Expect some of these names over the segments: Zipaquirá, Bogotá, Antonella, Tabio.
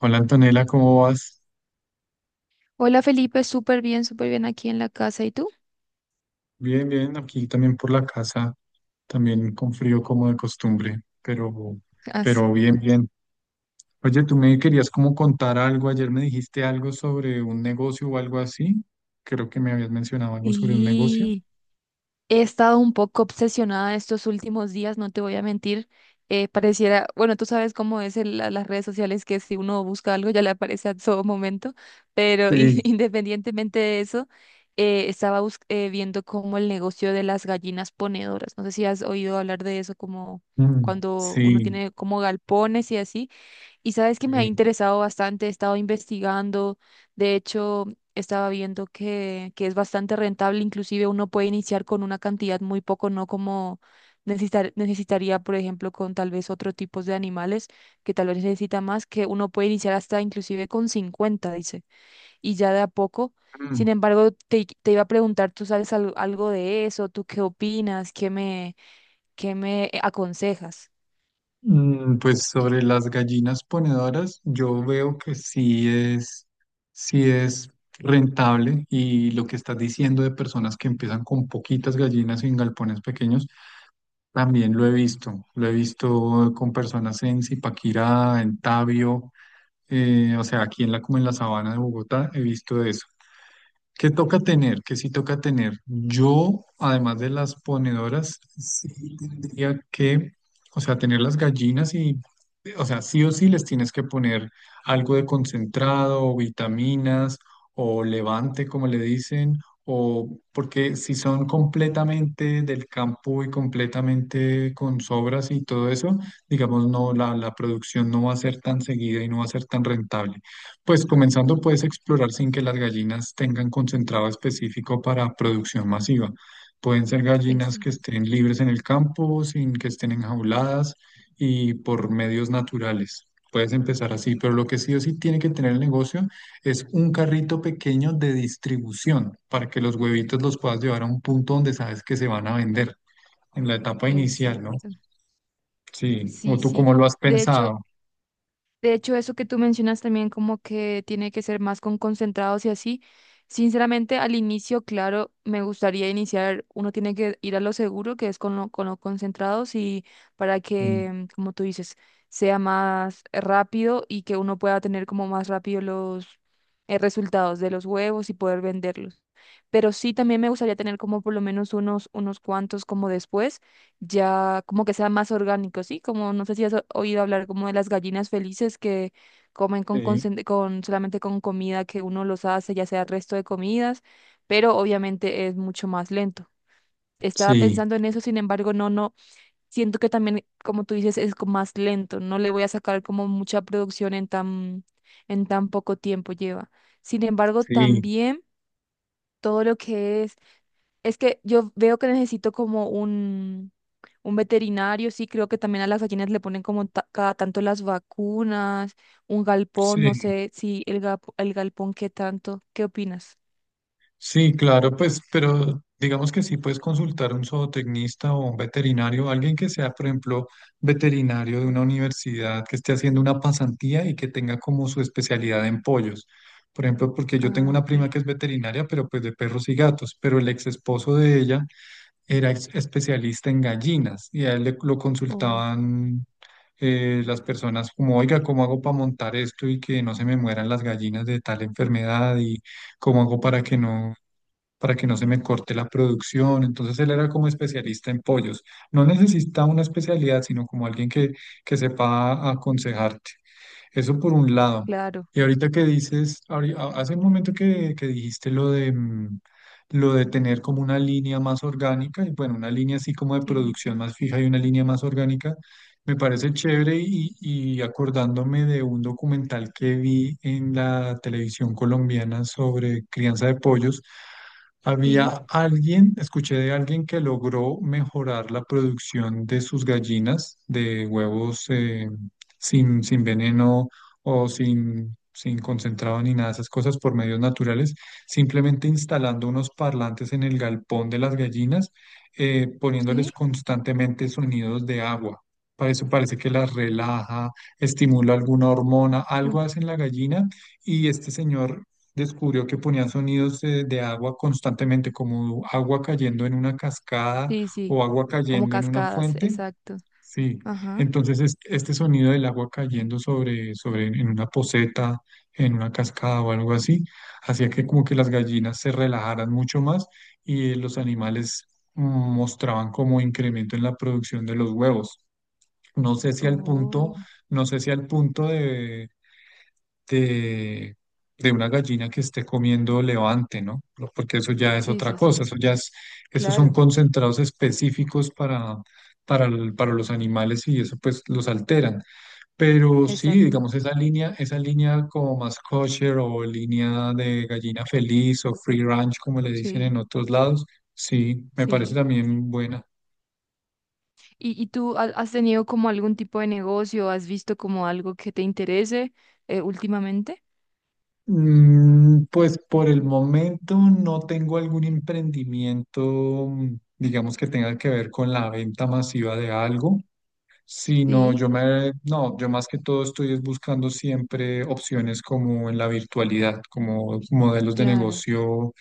Hola Antonella, ¿cómo vas? Hola Felipe, súper bien aquí en la casa. ¿Y tú? Bien, bien, aquí también por la casa, también con frío como de costumbre, pero, Ah, sí. pero bien, bien. Oye, tú me querías como contar algo, ayer me dijiste algo sobre un negocio o algo así, creo que me habías mencionado algo sobre un negocio. Y he estado un poco obsesionada estos últimos días, no te voy a mentir. Pareciera, bueno, tú sabes cómo es las redes sociales, que si uno busca algo ya le aparece a todo momento, pero Sí. independientemente de eso, estaba viendo como el negocio de las gallinas ponedoras. No sé si has oído hablar de eso, como Mm, cuando uno sí, tiene como galpones y así. Y sabes que me ha sí. interesado bastante, he estado investigando, de hecho, estaba viendo que es bastante rentable, inclusive uno puede iniciar con una cantidad muy poco, no como necesitaría, por ejemplo, con tal vez otro tipo de animales que tal vez necesita más, que uno puede iniciar hasta inclusive con 50 dice, y ya de a poco. Mm. Sin embargo, te iba a preguntar, ¿tú sabes algo de eso? ¿Tú qué opinas? ¿Qué me aconsejas? Pues sobre las gallinas ponedoras, yo veo que es, sí es rentable, y lo que estás diciendo de personas que empiezan con poquitas gallinas en galpones pequeños, también lo he visto. Lo he visto con personas en Zipaquirá, en Tabio, o sea, aquí en como en la sabana de Bogotá, he visto eso. ¿Qué toca tener? ¿Qué sí toca tener? Yo, además de las ponedoras, sí tendría que, o sea, tener las gallinas y, o sea, sí o sí les tienes que poner algo de concentrado, o vitaminas, o levante, como le dicen, o porque si son completamente del campo y completamente con sobras y todo eso, digamos, no, la producción no va a ser tan seguida y no va a ser tan rentable. Pues comenzando puedes explorar sin que las gallinas tengan concentrado específico para producción masiva. Pueden ser gallinas que Exacto. estén libres en el campo, sin que estén enjauladas y por medios naturales. Puedes empezar así, pero lo que sí o sí tiene que tener el negocio es un carrito pequeño de distribución para que los huevitos los puedas llevar a un punto donde sabes que se van a vender en la etapa inicial, ¿no? Exacto. Sí, o Sí, tú sí. cómo lo has De hecho, pensado. De hecho, eso que tú mencionas también como que tiene que ser más con concentrados y así. Sinceramente, al inicio, claro, me gustaría iniciar, uno tiene que ir a lo seguro, que es con los concentrados y para que, Mm, mm, como tú dices, sea más rápido y que uno pueda tener como más rápido los resultados de los huevos y poder venderlos. Pero sí, también me gustaría tener como por lo menos unos cuantos como después ya como que sea más orgánico, ¿sí? Como no sé si has oído hablar como de las gallinas felices que comen con, sí, concen- con solamente con comida que uno los hace, ya sea resto de comidas, pero obviamente es mucho más lento. Estaba sí, pensando en eso, sin embargo, no, no, siento que también, como tú dices, es más lento, no le voy a sacar como mucha producción en tan poco tiempo lleva. Sin embargo, sí, también todo lo que es que yo veo que necesito como un veterinario, sí, creo que también a las gallinas le ponen como cada tanto las vacunas, un galpón, no sí. sé si el galpón qué tanto, ¿qué opinas? Sí, claro, pues, pero digamos que sí puedes consultar a un zootecnista o un veterinario, alguien que sea, por ejemplo, veterinario de una universidad que esté haciendo una pasantía y que tenga como su especialidad en pollos. Por ejemplo, porque yo tengo Ah, una ok. prima que es veterinaria, pero pues de perros y gatos, pero el ex esposo de ella era especialista en gallinas y a él lo Oh, consultaban las personas como, oiga, ¿cómo hago para montar esto y que no se me mueran las gallinas de tal enfermedad? Y ¿cómo hago para que no? Para que no se me corte la producción. Entonces él era como especialista en pollos. No necesita una especialidad, sino como alguien que sepa aconsejarte. Eso por un lado. claro, Y ahorita que dices, hace un momento que dijiste lo de tener como una línea más orgánica, y bueno, una línea así como de sí, producción más fija y una línea más orgánica, me parece chévere y acordándome de un documental que vi en la televisión colombiana sobre crianza de pollos, sí, había alguien, escuché de alguien que logró mejorar la producción de sus gallinas de huevos, sin veneno o sin concentrado ni nada de esas cosas, por medios naturales, simplemente instalando unos parlantes en el galpón de las gallinas, poniéndoles sí, constantemente sonidos de agua. Para eso parece que las relaja, estimula alguna hormona, uh, algo hace en la gallina, y este señor descubrió que ponían sonidos de agua constantemente, como agua cayendo en una cascada sí, sí, o agua como cayendo en una cascadas, fuente. exacto. Sí, Ajá. entonces este sonido del agua cayendo sobre en una poceta, en una cascada o algo así, hacía que como que las gallinas se relajaran mucho más, y los animales mm, mostraban como incremento en la producción de los huevos. No sé si al punto, Oh, no sé si al punto de de, de una gallina que esté comiendo levante, ¿no? Porque eso ya es sí, otra sí, cosa, sí, eso ya es, esos son claro, concentrados específicos para, para los animales, y eso pues los alteran. Pero sí, exacto, digamos, esa línea como más kosher, o línea de gallina feliz, o free range, como le dicen sí, en otros lados, sí, me parece sí. también buena. ¿Y tú has tenido como algún tipo de negocio? ¿Has visto como algo que te interese últimamente? Pues por el momento no tengo algún emprendimiento, digamos que tenga que ver con la venta masiva de algo, sino Sí, yo me, no, yo más que todo estoy es buscando siempre opciones como en la virtualidad, como modelos de claro, negocio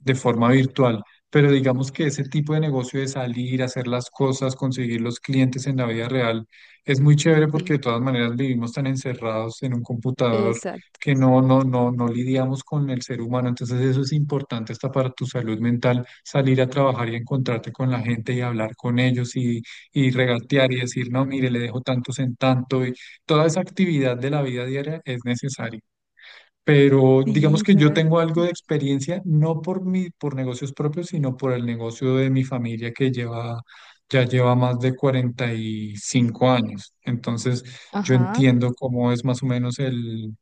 de forma virtual. Pero digamos que ese tipo de negocio de salir, hacer las cosas, conseguir los clientes en la vida real, es muy chévere, porque de sí, todas maneras vivimos tan encerrados en un computador exacto. que no lidiamos con el ser humano. Entonces eso es importante hasta para tu salud mental, salir a trabajar y encontrarte con la gente y hablar con ellos y regatear y decir, no, mire, le dejo tantos en tanto. Y toda esa actividad de la vida diaria es necesaria, pero digamos Sí, que yo sabes que tengo algo sí. de experiencia, no por mi, por negocios propios, sino por el negocio de mi familia que lleva más de 45 años. Entonces, yo Ajá. entiendo cómo es más o menos el,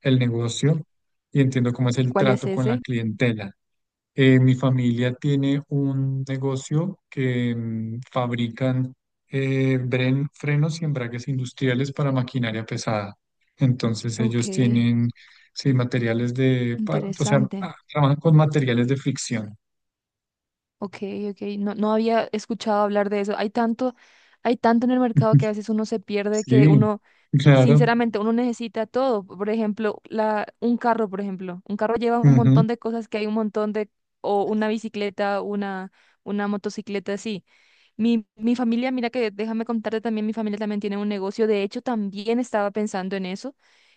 el negocio, y entiendo cómo es ¿Y el cuál es trato con la ese? clientela. Mi familia tiene un negocio que fabrican frenos y embragues industriales para maquinaria pesada. Entonces Ok, ellos tienen, sí, materiales de, o sea, interesante. Trabajan con materiales de fricción. Ok, ok, no, no había escuchado hablar de eso. Hay tanto en el mercado que a veces uno se pierde que Sí, uno, claro. sinceramente, uno necesita todo. Por ejemplo, un carro, por ejemplo. Un carro lleva un Ujú. montón de cosas que hay un montón de, o una bicicleta, una motocicleta, sí. Mi familia, mira que déjame contarte también, mi familia también tiene un negocio. De hecho, también estaba pensando en eso.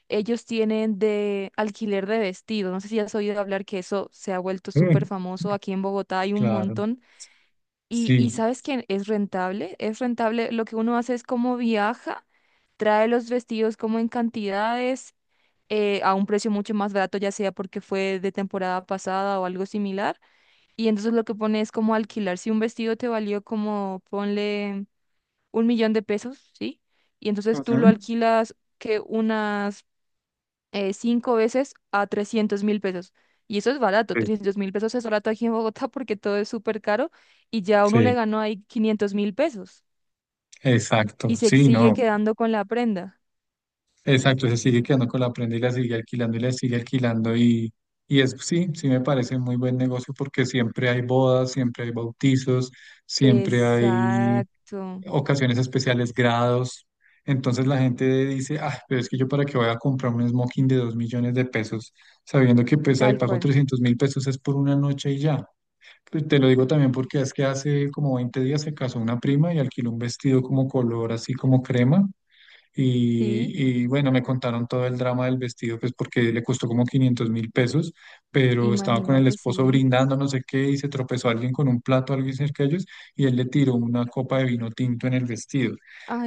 Ellos tienen de alquiler de vestidos. No sé si has oído hablar que eso se ha vuelto Sí, súper famoso aquí en Bogotá. Hay un claro. montón. Y, Sí. ¿sabes quién es rentable? Es rentable. Lo que uno hace es como viaja, trae los vestidos como en cantidades, a un precio mucho más barato, ya sea porque fue de temporada pasada o algo similar. Y entonces lo que pone es como alquilar. Si un vestido te valió como, ponle 1 millón de pesos, ¿sí? Y entonces tú lo Ujú. alquilas que unas cinco veces a 300.000 pesos. Y eso es barato, Sí, 300.000 pesos es barato aquí en Bogotá porque todo es súper caro y ya uno le sí, ganó ahí 500.000 pesos exacto. y se Sí, sigue no. quedando con la prenda. Exacto, se sigue quedando con la prenda, y la sigue alquilando, y la sigue alquilando, y es, sí, sí me parece muy buen negocio, porque siempre hay bodas, siempre hay bautizos, siempre hay Exacto, ocasiones especiales, grados. Entonces la gente dice, ah, pero es que yo para qué voy a comprar un smoking de 2 millones de pesos, sabiendo que pues ahí tal pago cual. 300.000 pesos es por una noche y ya. Pues, te lo digo también porque es que hace como 20 días se casó una prima y alquiló un vestido como color así como crema Sí, y bueno, me contaron todo el drama del vestido, pues porque le costó como 500.000 pesos, pero estaba con el imagínate, esposo sí. brindando, no sé qué, y se tropezó alguien con un plato, alguien cerca de ellos, y él le tiró una copa de vino tinto en el vestido.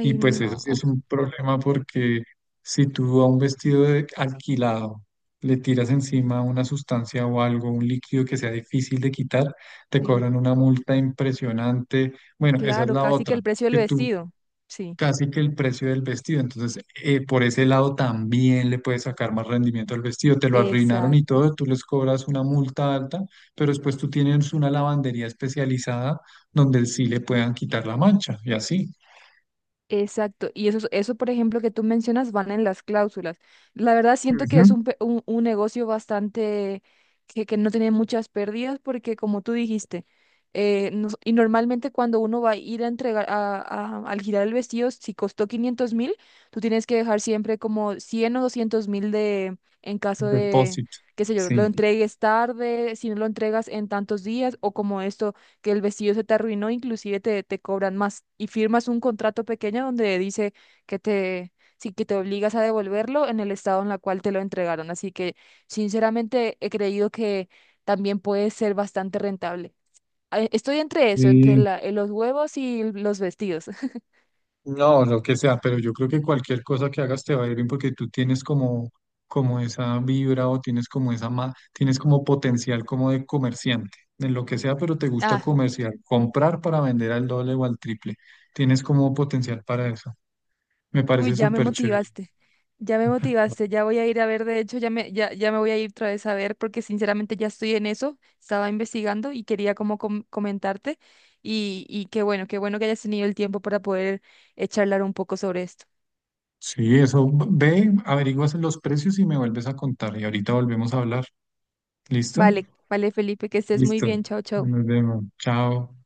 Y pues eso sí es no. un problema porque si tú a un vestido alquilado le tiras encima una sustancia o algo, un líquido que sea difícil de quitar, te Sí, cobran una multa impresionante. Bueno, esa es claro, la casi que otra, el precio del que tú vestido. Sí, casi que el precio del vestido. Entonces, por ese lado también le puedes sacar más rendimiento al vestido. Te lo arruinaron y exacto. todo, tú les cobras una multa alta, pero después tú tienes una lavandería especializada donde sí le puedan quitar la mancha y así. Exacto, y eso, por ejemplo, que tú mencionas, van en las cláusulas. La verdad, siento que es Ujú. un negocio bastante que no tiene muchas pérdidas, porque como tú dijiste, y normalmente cuando uno va a ir a entregar, al girar el vestido, si costó 500.000, tú tienes que dejar siempre como 100.000 o 200.000 de, en caso de, Depósito. qué sé yo, lo Sí. entregues tarde, si no lo entregas en tantos días, o como esto que el vestido se te arruinó, inclusive te cobran más y firmas un contrato pequeño donde dice que te, sí, que te obligas a devolverlo en el estado en el cual te lo entregaron. Así que sinceramente he creído que también puede ser bastante rentable. Ah, estoy entre eso, entre Sí. Los huevos y los vestidos. No, lo que sea, pero yo creo que cualquier cosa que hagas te va a ir bien, porque tú tienes como, esa vibra, o tienes como esa tienes como potencial como de comerciante, en lo que sea, pero te gusta ah comerciar, comprar para vender al doble o al triple. Tienes como potencial para eso. Me Uy, parece ya me súper chévere. motivaste. Ya me motivaste, ya voy a ir a ver, de hecho, ya me voy a ir otra vez a ver porque sinceramente ya estoy en eso, estaba investigando y quería como comentarte y qué bueno que hayas tenido el tiempo para poder charlar un poco sobre esto. Sí, eso ve, averiguas los precios y me vuelves a contar. Y ahorita volvemos a hablar. ¿Listo? Vale, vale, Felipe, que estés muy Listo. bien, chao, chao. Nos vemos. Chao.